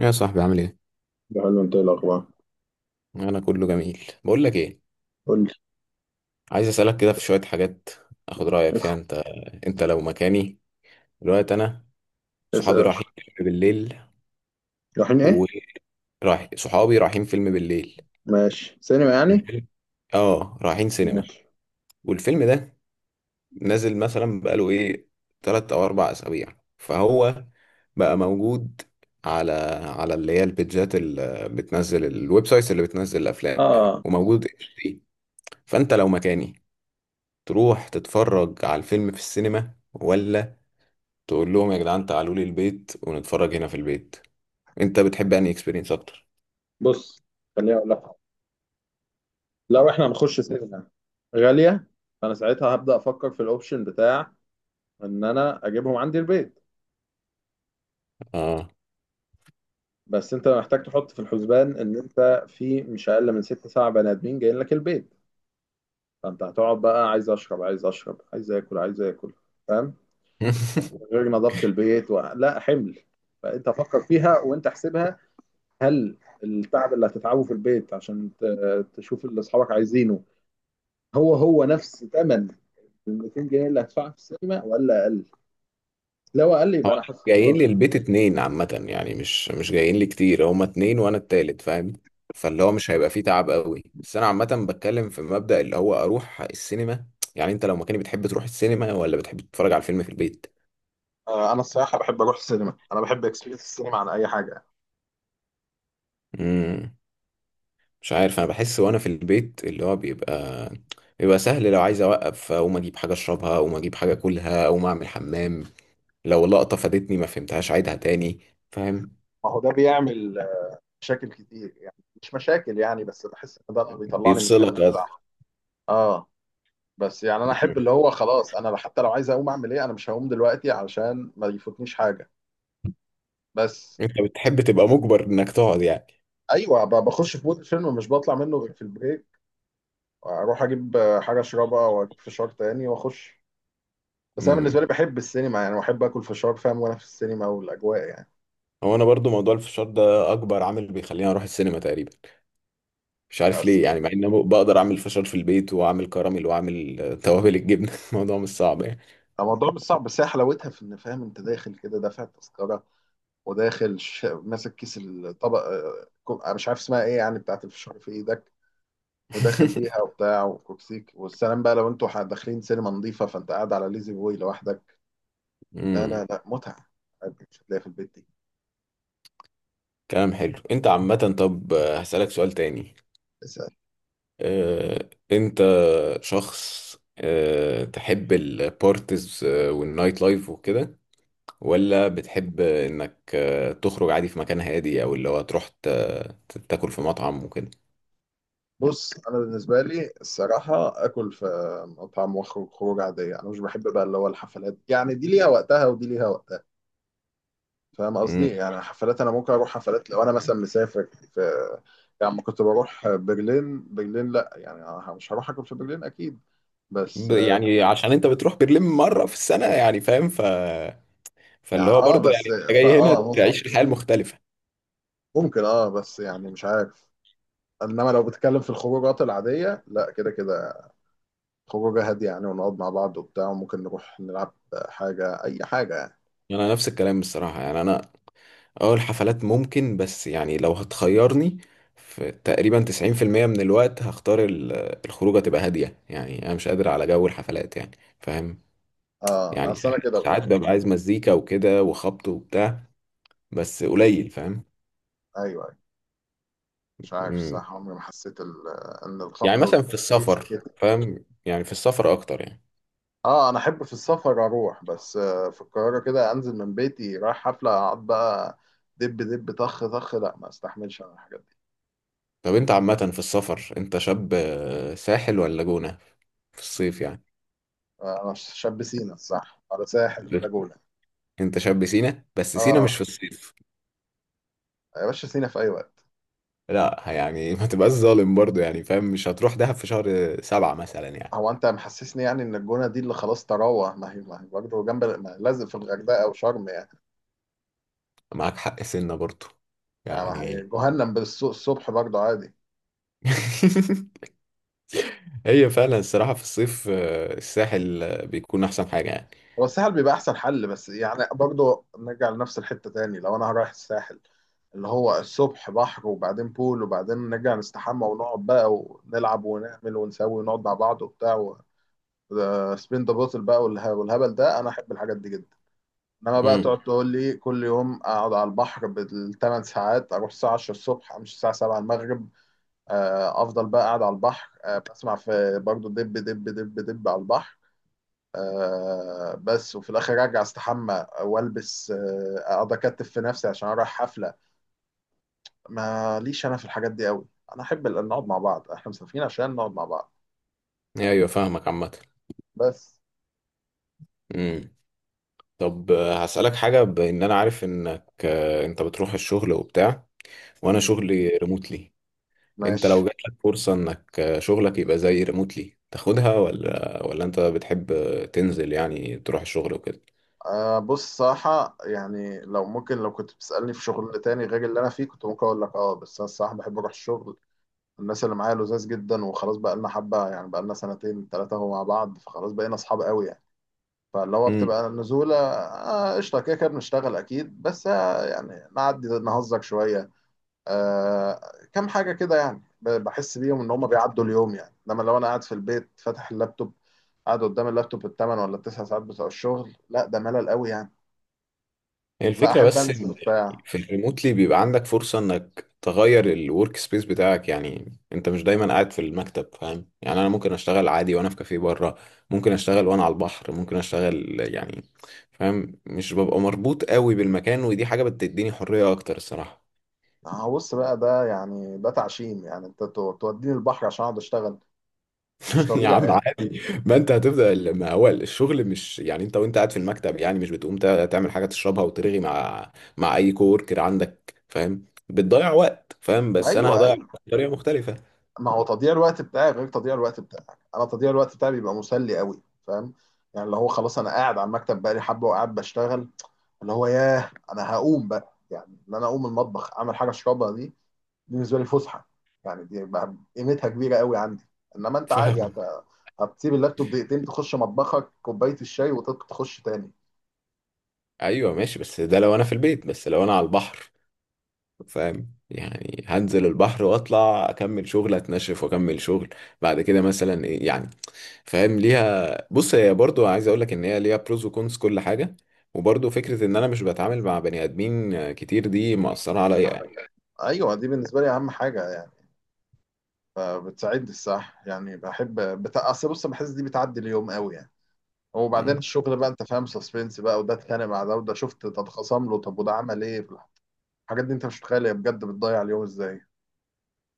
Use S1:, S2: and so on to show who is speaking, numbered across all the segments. S1: يا صاحبي عامل ايه؟
S2: ده حلو. انت ايه الاخبار؟
S1: انا كله جميل، بقول لك ايه،
S2: قول لي.
S1: عايز اسالك كده في شويه حاجات اخد رايك فيها
S2: اسال.
S1: انت لو مكاني دلوقتي انا
S2: اسال يا
S1: صحابي
S2: باشا.
S1: رايحين فيلم بالليل.
S2: رايحين ايه؟
S1: ورايح صحابي رايحين فيلم بالليل
S2: ماشي، سينما يعني.
S1: الفيلم، اه رايحين سينما.
S2: ماشي.
S1: والفيلم ده نازل مثلا بقاله ايه، 3 او 4 اسابيع، فهو بقى موجود على اللي هي البيتجات اللي بتنزل، الويب سايتس اللي بتنزل الافلام،
S2: اه.
S1: وموجود HD. فانت لو مكاني تروح تتفرج على الفيلم في السينما، ولا تقول لهم يا جدعان تعالوا لي البيت ونتفرج هنا في البيت؟ انت بتحب انهي اكسبيرينس اكتر؟
S2: بص، خليني اقول لك. لو احنا هنخش سينما غاليه، فانا ساعتها هبدا افكر في الاوبشن بتاع ان انا اجيبهم عندي البيت.
S1: اه
S2: بس انت محتاج تحط في الحسبان ان انت في مش اقل من ست سبع بني ادمين جايين لك البيت. فانت هتقعد بقى عايز اشرب عايز اشرب عايز اكل عايز اكل. فاهم؟ غير نظافه البيت و لا حمل. فانت فكر فيها وانت احسبها. هل التعب اللي هتتعبه في البيت عشان تشوف اللي اصحابك عايزينه هو هو نفس ثمن ال 200 جنيه اللي هدفعها في السينما ولا اقل؟ لو اقل
S1: هو
S2: يبقى
S1: أنا
S2: انا حاسس
S1: جايين
S2: خلاص.
S1: لي البيت 2 عامة، يعني مش جايين لي كتير، هما 2 وانا التالت، فاهم؟ فاللي هو مش هيبقى فيه تعب قوي، بس انا عامة بتكلم في مبدأ اللي هو اروح السينما. يعني انت لو مكاني بتحب تروح السينما ولا بتحب تتفرج على الفيلم في البيت؟
S2: آه، انا الصراحه بحب اروح السينما. انا بحب اكسبيرينس السينما عن اي حاجه.
S1: امم، مش عارف، انا بحس وانا في البيت اللي هو بيبقى سهل لو عايز اوقف اقوم اجيب حاجه اشربها، اقوم اجيب حاجه اكلها، اقوم اعمل حمام، لو لقطه فادتني ما فهمتهاش عيدها تاني، فاهم؟
S2: ما هو ده بيعمل مشاكل كتير يعني. مش مشاكل يعني، بس بحس ان ده اللي بيطلعني من الفيلم
S1: بيفصلك أصلاً.
S2: بتاعه. اه. بس يعني انا
S1: مم.
S2: احب اللي هو خلاص، انا حتى لو عايز اقوم اعمل ايه، انا مش هقوم دلوقتي علشان ما يفوتنيش حاجه. بس.
S1: انت بتحب تبقى مجبر انك تقعد يعني؟
S2: ايوه، بخش في مود الفيلم، مش بطلع منه غير في البريك. اروح اجيب حاجه اشربها واجيب فشار تاني واخش. بس انا بالنسبه لي
S1: امم،
S2: بحب السينما يعني، واحب اكل فشار فاهم وانا في السينما والاجواء يعني.
S1: هو انا برضو موضوع الفشار ده اكبر عامل بيخليني اروح السينما تقريبا. مش عارف
S2: بس.
S1: ليه، يعني مع ان أنا بقدر اعمل فشار في البيت واعمل كراميل واعمل توابل الجبنه الموضوع مش صعب يعني.
S2: الموضوع مش صعب، بس هي حلاوتها في ان فاهم انت داخل كده دافع التذكره. وداخل ماسك كيس الطبق، أنا مش عارف اسمها ايه يعني، بتاعت الفشار في ايدك. وداخل بيها وبتاع وكوكسيك والسلام بقى. لو انتوا داخلين سينما نظيفه، فانت قاعد على ليزي بوي لوحدك. لا
S1: امم
S2: لا لا، متعه مش هتلاقيها في البيت.
S1: كلام حلو انت عامه. طب هسألك سؤال تاني.
S2: دي
S1: انت شخص تحب البارتيز والنايت لايف وكده، ولا بتحب انك تخرج عادي في مكان هادي، او اللي هو تروح تاكل في مطعم وكده؟
S2: بص، انا بالنسبه لي الصراحه اكل في مطعم واخرج خروج عاديه. انا مش بحب بقى اللي هو الحفلات يعني. دي ليها وقتها ودي ليها وقتها. فاهم قصدي؟
S1: مم.
S2: يعني حفلات، انا ممكن اروح حفلات لو انا مثلا مسافر في... يعني لما كنت بروح برلين. برلين، لا يعني أنا مش هروح اكل في برلين اكيد. بس.
S1: يعني عشان انت بتروح برلين مرة في السنة، يعني فاهم،
S2: يعني
S1: فاللي هو برضه يعني
S2: بس
S1: انت
S2: فا
S1: جاي هنا
S2: اه ممكن
S1: تعيش الحياة المختلفة.
S2: ممكن بس يعني مش عارف. انما لو بتتكلم في الخروجات العاديه، لا، كده كده خروجه هاديه يعني، ونقعد مع بعض وبتاع، وممكن نروح نلعب حاجه، اي حاجه يعني.
S1: انا نفس الكلام بصراحة، يعني انا اه الحفلات ممكن، بس يعني لو هتخيرني، في تقريبا 90% من الوقت هختار الخروجة تبقى هادية، يعني أنا مش قادر على جو الحفلات يعني، فاهم؟
S2: اه،
S1: يعني
S2: اصل انا كده بقى.
S1: ساعات ببقى عايز مزيكا وكده وخبط وبتاع، بس قليل، فاهم؟
S2: ايوه ايوه. مش عارف
S1: مم.
S2: صح، عمري ما حسيت ان
S1: يعني
S2: الخبطه
S1: مثلا في
S2: والتخبيط دي
S1: السفر،
S2: سكتي.
S1: فاهم، يعني في السفر أكتر يعني.
S2: اه، انا احب في السفر اروح، بس في القاهره كده انزل من بيتي رايح حفله، اقعد بقى دب دب طخ طخ؟ لا، ما استحملش انا الحاجات دي.
S1: طب أنت عامة في السفر أنت شاب ساحل ولا جونة في الصيف يعني؟
S2: آه، انا شاب سينا، صح، ولا ساحل ولا جونه.
S1: أنت شاب سينا، بس سينا
S2: اه.
S1: مش في الصيف،
S2: يا باشا سينا في اي وقت.
S1: لا يعني ما تبقاش ظالم برضو يعني فاهم، مش هتروح دهب في شهر 7 مثلا يعني.
S2: هو انت محسسني يعني ان الجونه دي اللي خلاص تراوه. ما هي برضه جنب، ما لازم في الغردقه او شرم يعني.
S1: معاك حق سنة برضو
S2: يعني ما هي
S1: يعني.
S2: جهنم بالصبح برضه عادي.
S1: هي فعلا الصراحة في الصيف الساحل بيكون أحسن حاجة يعني.
S2: هو الساحل بيبقى احسن حل، بس يعني برضه نرجع لنفس الحتة تاني. لو انا رايح الساحل، اللي هو الصبح بحر وبعدين بول وبعدين نرجع نستحمى ونقعد بقى ونلعب ونعمل ونسوي ونقعد مع بعض وبتاع، سبين ذا بوتل بقى والهبل ده، انا احب الحاجات دي جدا. انما بقى
S1: امم،
S2: تقعد تقول لي كل يوم اقعد على البحر بالثمان ساعات، اروح الساعه 10 الصبح امشي الساعه 7 المغرب. افضل بقى قاعد على البحر، بسمع في برضه دب دب دب دب على البحر، بس وفي الاخر ارجع استحمى والبس، اقعد اكتف في نفسي عشان اروح حفله. ماليش انا في الحاجات دي قوي. انا احب نقعد مع بعض. احنا مسافرين عشان نقعد مع بعض.
S1: أيوة، فاهمك عامة.
S2: بس.
S1: امم طب هسألك حاجة، بإن أنا عارف إنك أنت بتروح الشغل وبتاع، وأنا
S2: م.
S1: شغلي ريموتلي. أنت
S2: ماشي.
S1: لو جاتلك فرصة إنك شغلك يبقى زي ريموتلي تاخدها، ولا أنت بتحب تنزل يعني تروح الشغل وكده؟
S2: بص صراحة، يعني لو ممكن، لو كنت بتسألني في شغل تاني غير اللي أنا فيه، كنت ممكن أقول لك أه، بس أنا الصراحة بحب أروح الشغل. الناس اللي معايا لذاذ جدا، وخلاص بقالنا حبة يعني، بقالنا سنتين تلاتة أهو مع بعض، فخلاص بقينا أصحاب قوي يعني. فاللي هو بتبقى النزولة قشطة، كده كده بنشتغل أكيد، بس يعني نعدي نهزك شوية. آه، كام حاجة كده يعني، بحس بيهم إن هما بيعدوا اليوم يعني. إنما لو أنا قاعد في البيت فاتح اللابتوب، قاعد قدام اللابتوب الثمان ولا التسع ساعات بتوع الشغل، لا، ده ملل قوي يعني.
S1: هي
S2: لا،
S1: الفكرة
S2: أحب
S1: بس إن
S2: أنزل بتاع.
S1: يعني في الريموتلي بيبقى عندك فرصة انك تغير الورك سبيس بتاعك، يعني انت مش دايما قاعد في المكتب، فاهم يعني؟ انا ممكن اشتغل عادي وانا في كافيه بره، ممكن اشتغل وانا على البحر، ممكن اشتغل يعني، فاهم؟ مش ببقى مربوط قوي بالمكان، ودي حاجة بتديني حرية اكتر الصراحة.
S2: هبص بقى، ده يعني ده تعشيم يعني، أنت توديني البحر عشان أقعد أشتغل؟ مش
S1: يا
S2: طبيعي
S1: عم
S2: يعني.
S1: عادي. ما انت هتبدا ما هو الشغل مش يعني انت وانت قاعد في المكتب يعني مش بتقوم تعمل حاجه تشربها وترغي مع اي كوركر عندك، فاهم؟ بتضيع وقت، فاهم؟ بس انا
S2: أيوه
S1: هضيع
S2: أيوه.
S1: وقت بطريقه مختلفه،
S2: ما هو تضييع الوقت بتاعي غير تضييع الوقت بتاعك. انا تضييع الوقت بتاعي بيبقى مسلي قوي، فاهم؟ يعني اللي هو خلاص، انا قاعد على المكتب بقالي حبه وقاعد بشتغل، اللي هو ياه، انا هقوم بقى، يعني ان انا اقوم المطبخ اعمل حاجه اشربها دي. بالنسبه لي فسحه. يعني دي بقى قيمتها كبيره قوي عندي. انما انت عادي
S1: فاهم؟
S2: هتسيب اللابتوب دقيقتين، تخش مطبخك كوبايه الشاي وتخش تاني.
S1: ايوه ماشي، بس ده لو انا في البيت، بس لو انا على البحر، فاهم يعني؟ هنزل البحر واطلع اكمل شغل، اتنشف واكمل شغل، بعد كده مثلا ايه يعني، فاهم؟ ليها بص هي برضو، عايز اقول لك ان هي ليها بروز وكونز كل حاجه، وبرضو فكره ان انا مش بتعامل مع بني ادمين كتير دي مأثره عليا يعني.
S2: ايوه، دي بالنسبه لي اهم حاجه يعني. بتساعدني الصح يعني. بحب اصل بص، بحس دي بتعدي اليوم قوي يعني. وبعدين
S1: مم.
S2: الشغل بقى، انت فاهم، سسبنس بقى، وده اتخانق مع ده، وده شفت تتخاصم له، طب وده عمل ايه في الحاجات دي انت مش متخيل هي بجد بتضيع اليوم ازاي.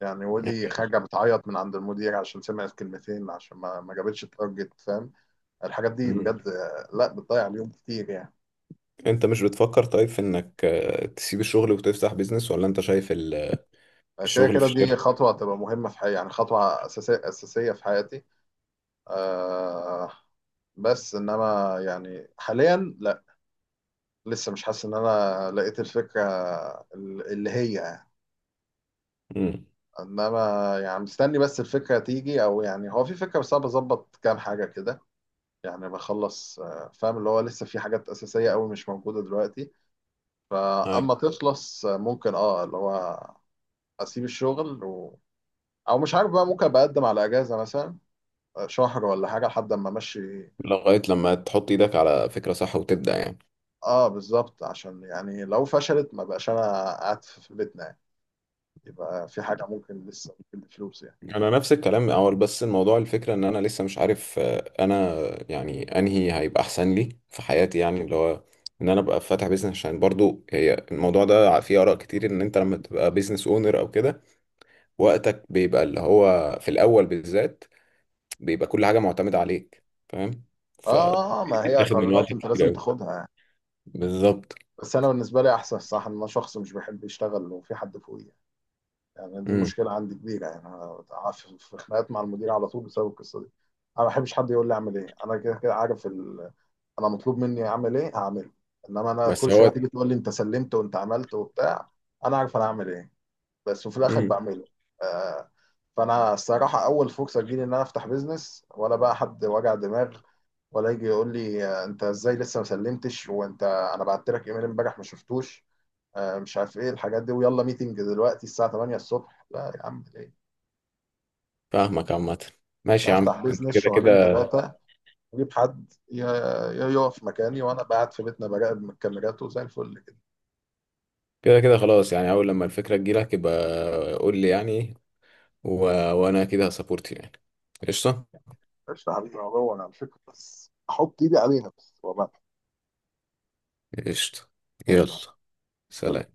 S2: يعني
S1: يعني-
S2: ودي خارجه بتعيط من عند المدير عشان سمعت كلمتين، عشان ما جابتش التارجت، فاهم؟ الحاجات دي
S1: مم.
S2: بجد لا، بتضيع اليوم كتير يعني.
S1: انت مش بتفكر طيب في انك تسيب الشغل وتفتح بيزنس، ولا انت شايف
S2: آه، كده
S1: الشغل
S2: كده
S1: في
S2: دي
S1: الشركه؟
S2: خطوه هتبقى مهمه في حياتي، يعني خطوه اساسيه اساسيه في حياتي. آه. بس انما يعني حاليا لا. لسه مش حاسس ان انا لقيت الفكره اللي هي.
S1: مم.
S2: انما يعني مستني بس الفكره تيجي، او يعني هو في فكره، بس انا بظبط كام حاجه كده. يعني بخلص فاهم اللي هو لسه في حاجات اساسيه قوي مش موجوده دلوقتي.
S1: أيوة.
S2: فاما تخلص، ممكن اللي هو اسيب الشغل او مش عارف بقى، ممكن بقدم على اجازه مثلا، شهر ولا حاجه لحد اما امشي.
S1: لغايه لما تحط ايدك على فكره صح وتبدأ يعني.
S2: اه، بالظبط، عشان يعني لو فشلت ما بقاش انا قاعد في بيتنا يعني. يبقى في حاجه ممكن، لسه ممكن بفلوس يعني.
S1: انا نفس الكلام اول، بس الموضوع الفكره ان انا لسه مش عارف انا يعني انهي هيبقى احسن لي في حياتي، يعني اللي هو ان انا ابقى فاتح بيزنس، عشان برضو هي الموضوع ده فيه اراء كتير ان انت لما تبقى بيزنس اونر او كده وقتك بيبقى اللي هو في الاول بالذات بيبقى كل حاجه معتمده عليك، فاهم؟
S2: اه، ما هي
S1: فبيتاخد من
S2: قرارات
S1: وقتك
S2: انت
S1: كتير
S2: لازم
S1: قوي.
S2: تاخدها يعني.
S1: بالظبط.
S2: بس انا بالنسبه لي احسن صح ان انا شخص مش بيحب يشتغل وفي حد فوقيه. يعني دي
S1: امم
S2: مشكله عندي كبيره يعني. انا في خناقات مع المدير على طول بسبب القصه دي. انا ما بحبش حد يقول لي اعمل ايه. انا كده كده عارف انا مطلوب مني اعمل ايه هعمله. انما انا
S1: بس
S2: كل شويه
S1: هو
S2: تيجي تقول لي انت سلمت وانت عملت وبتاع. انا عارف انا هعمل ايه، بس، وفي الاخر
S1: امم
S2: بعمله. آه. فانا الصراحه اول فرصه تجيلي ان انا افتح بيزنس، ولا بقى حد وجع دماغ، ولا يجي يقول لي انت ازاي لسه ما سلمتش؟ وانت انا بعت لك ايميل امبارح ما شفتوش؟ مش عارف ايه الحاجات دي، ويلا ميتنج دلوقتي الساعة 8 الصبح. لا يا عم، ليه؟
S1: فاهمك عامه. ماشي
S2: أنا
S1: يا عم،
S2: افتح
S1: انت
S2: بيزنس
S1: كده
S2: شهرين
S1: كده
S2: ثلاثة، اجيب حد يقف مكاني وانا قاعد في بيتنا براقب من الكاميرات وزي الفل كده.
S1: كده كده خلاص يعني، اول لما الفكره تجيلك يبقى قول لي يعني، و... وانا كده هسابورت يعني. قشطة.
S2: قشطة يا حبيبي، هو انا على فكرة بس احط ايدي عليها، بس وبعد.
S1: قشطة.
S2: قشطة.
S1: يلا.
S2: سلام.
S1: سلام.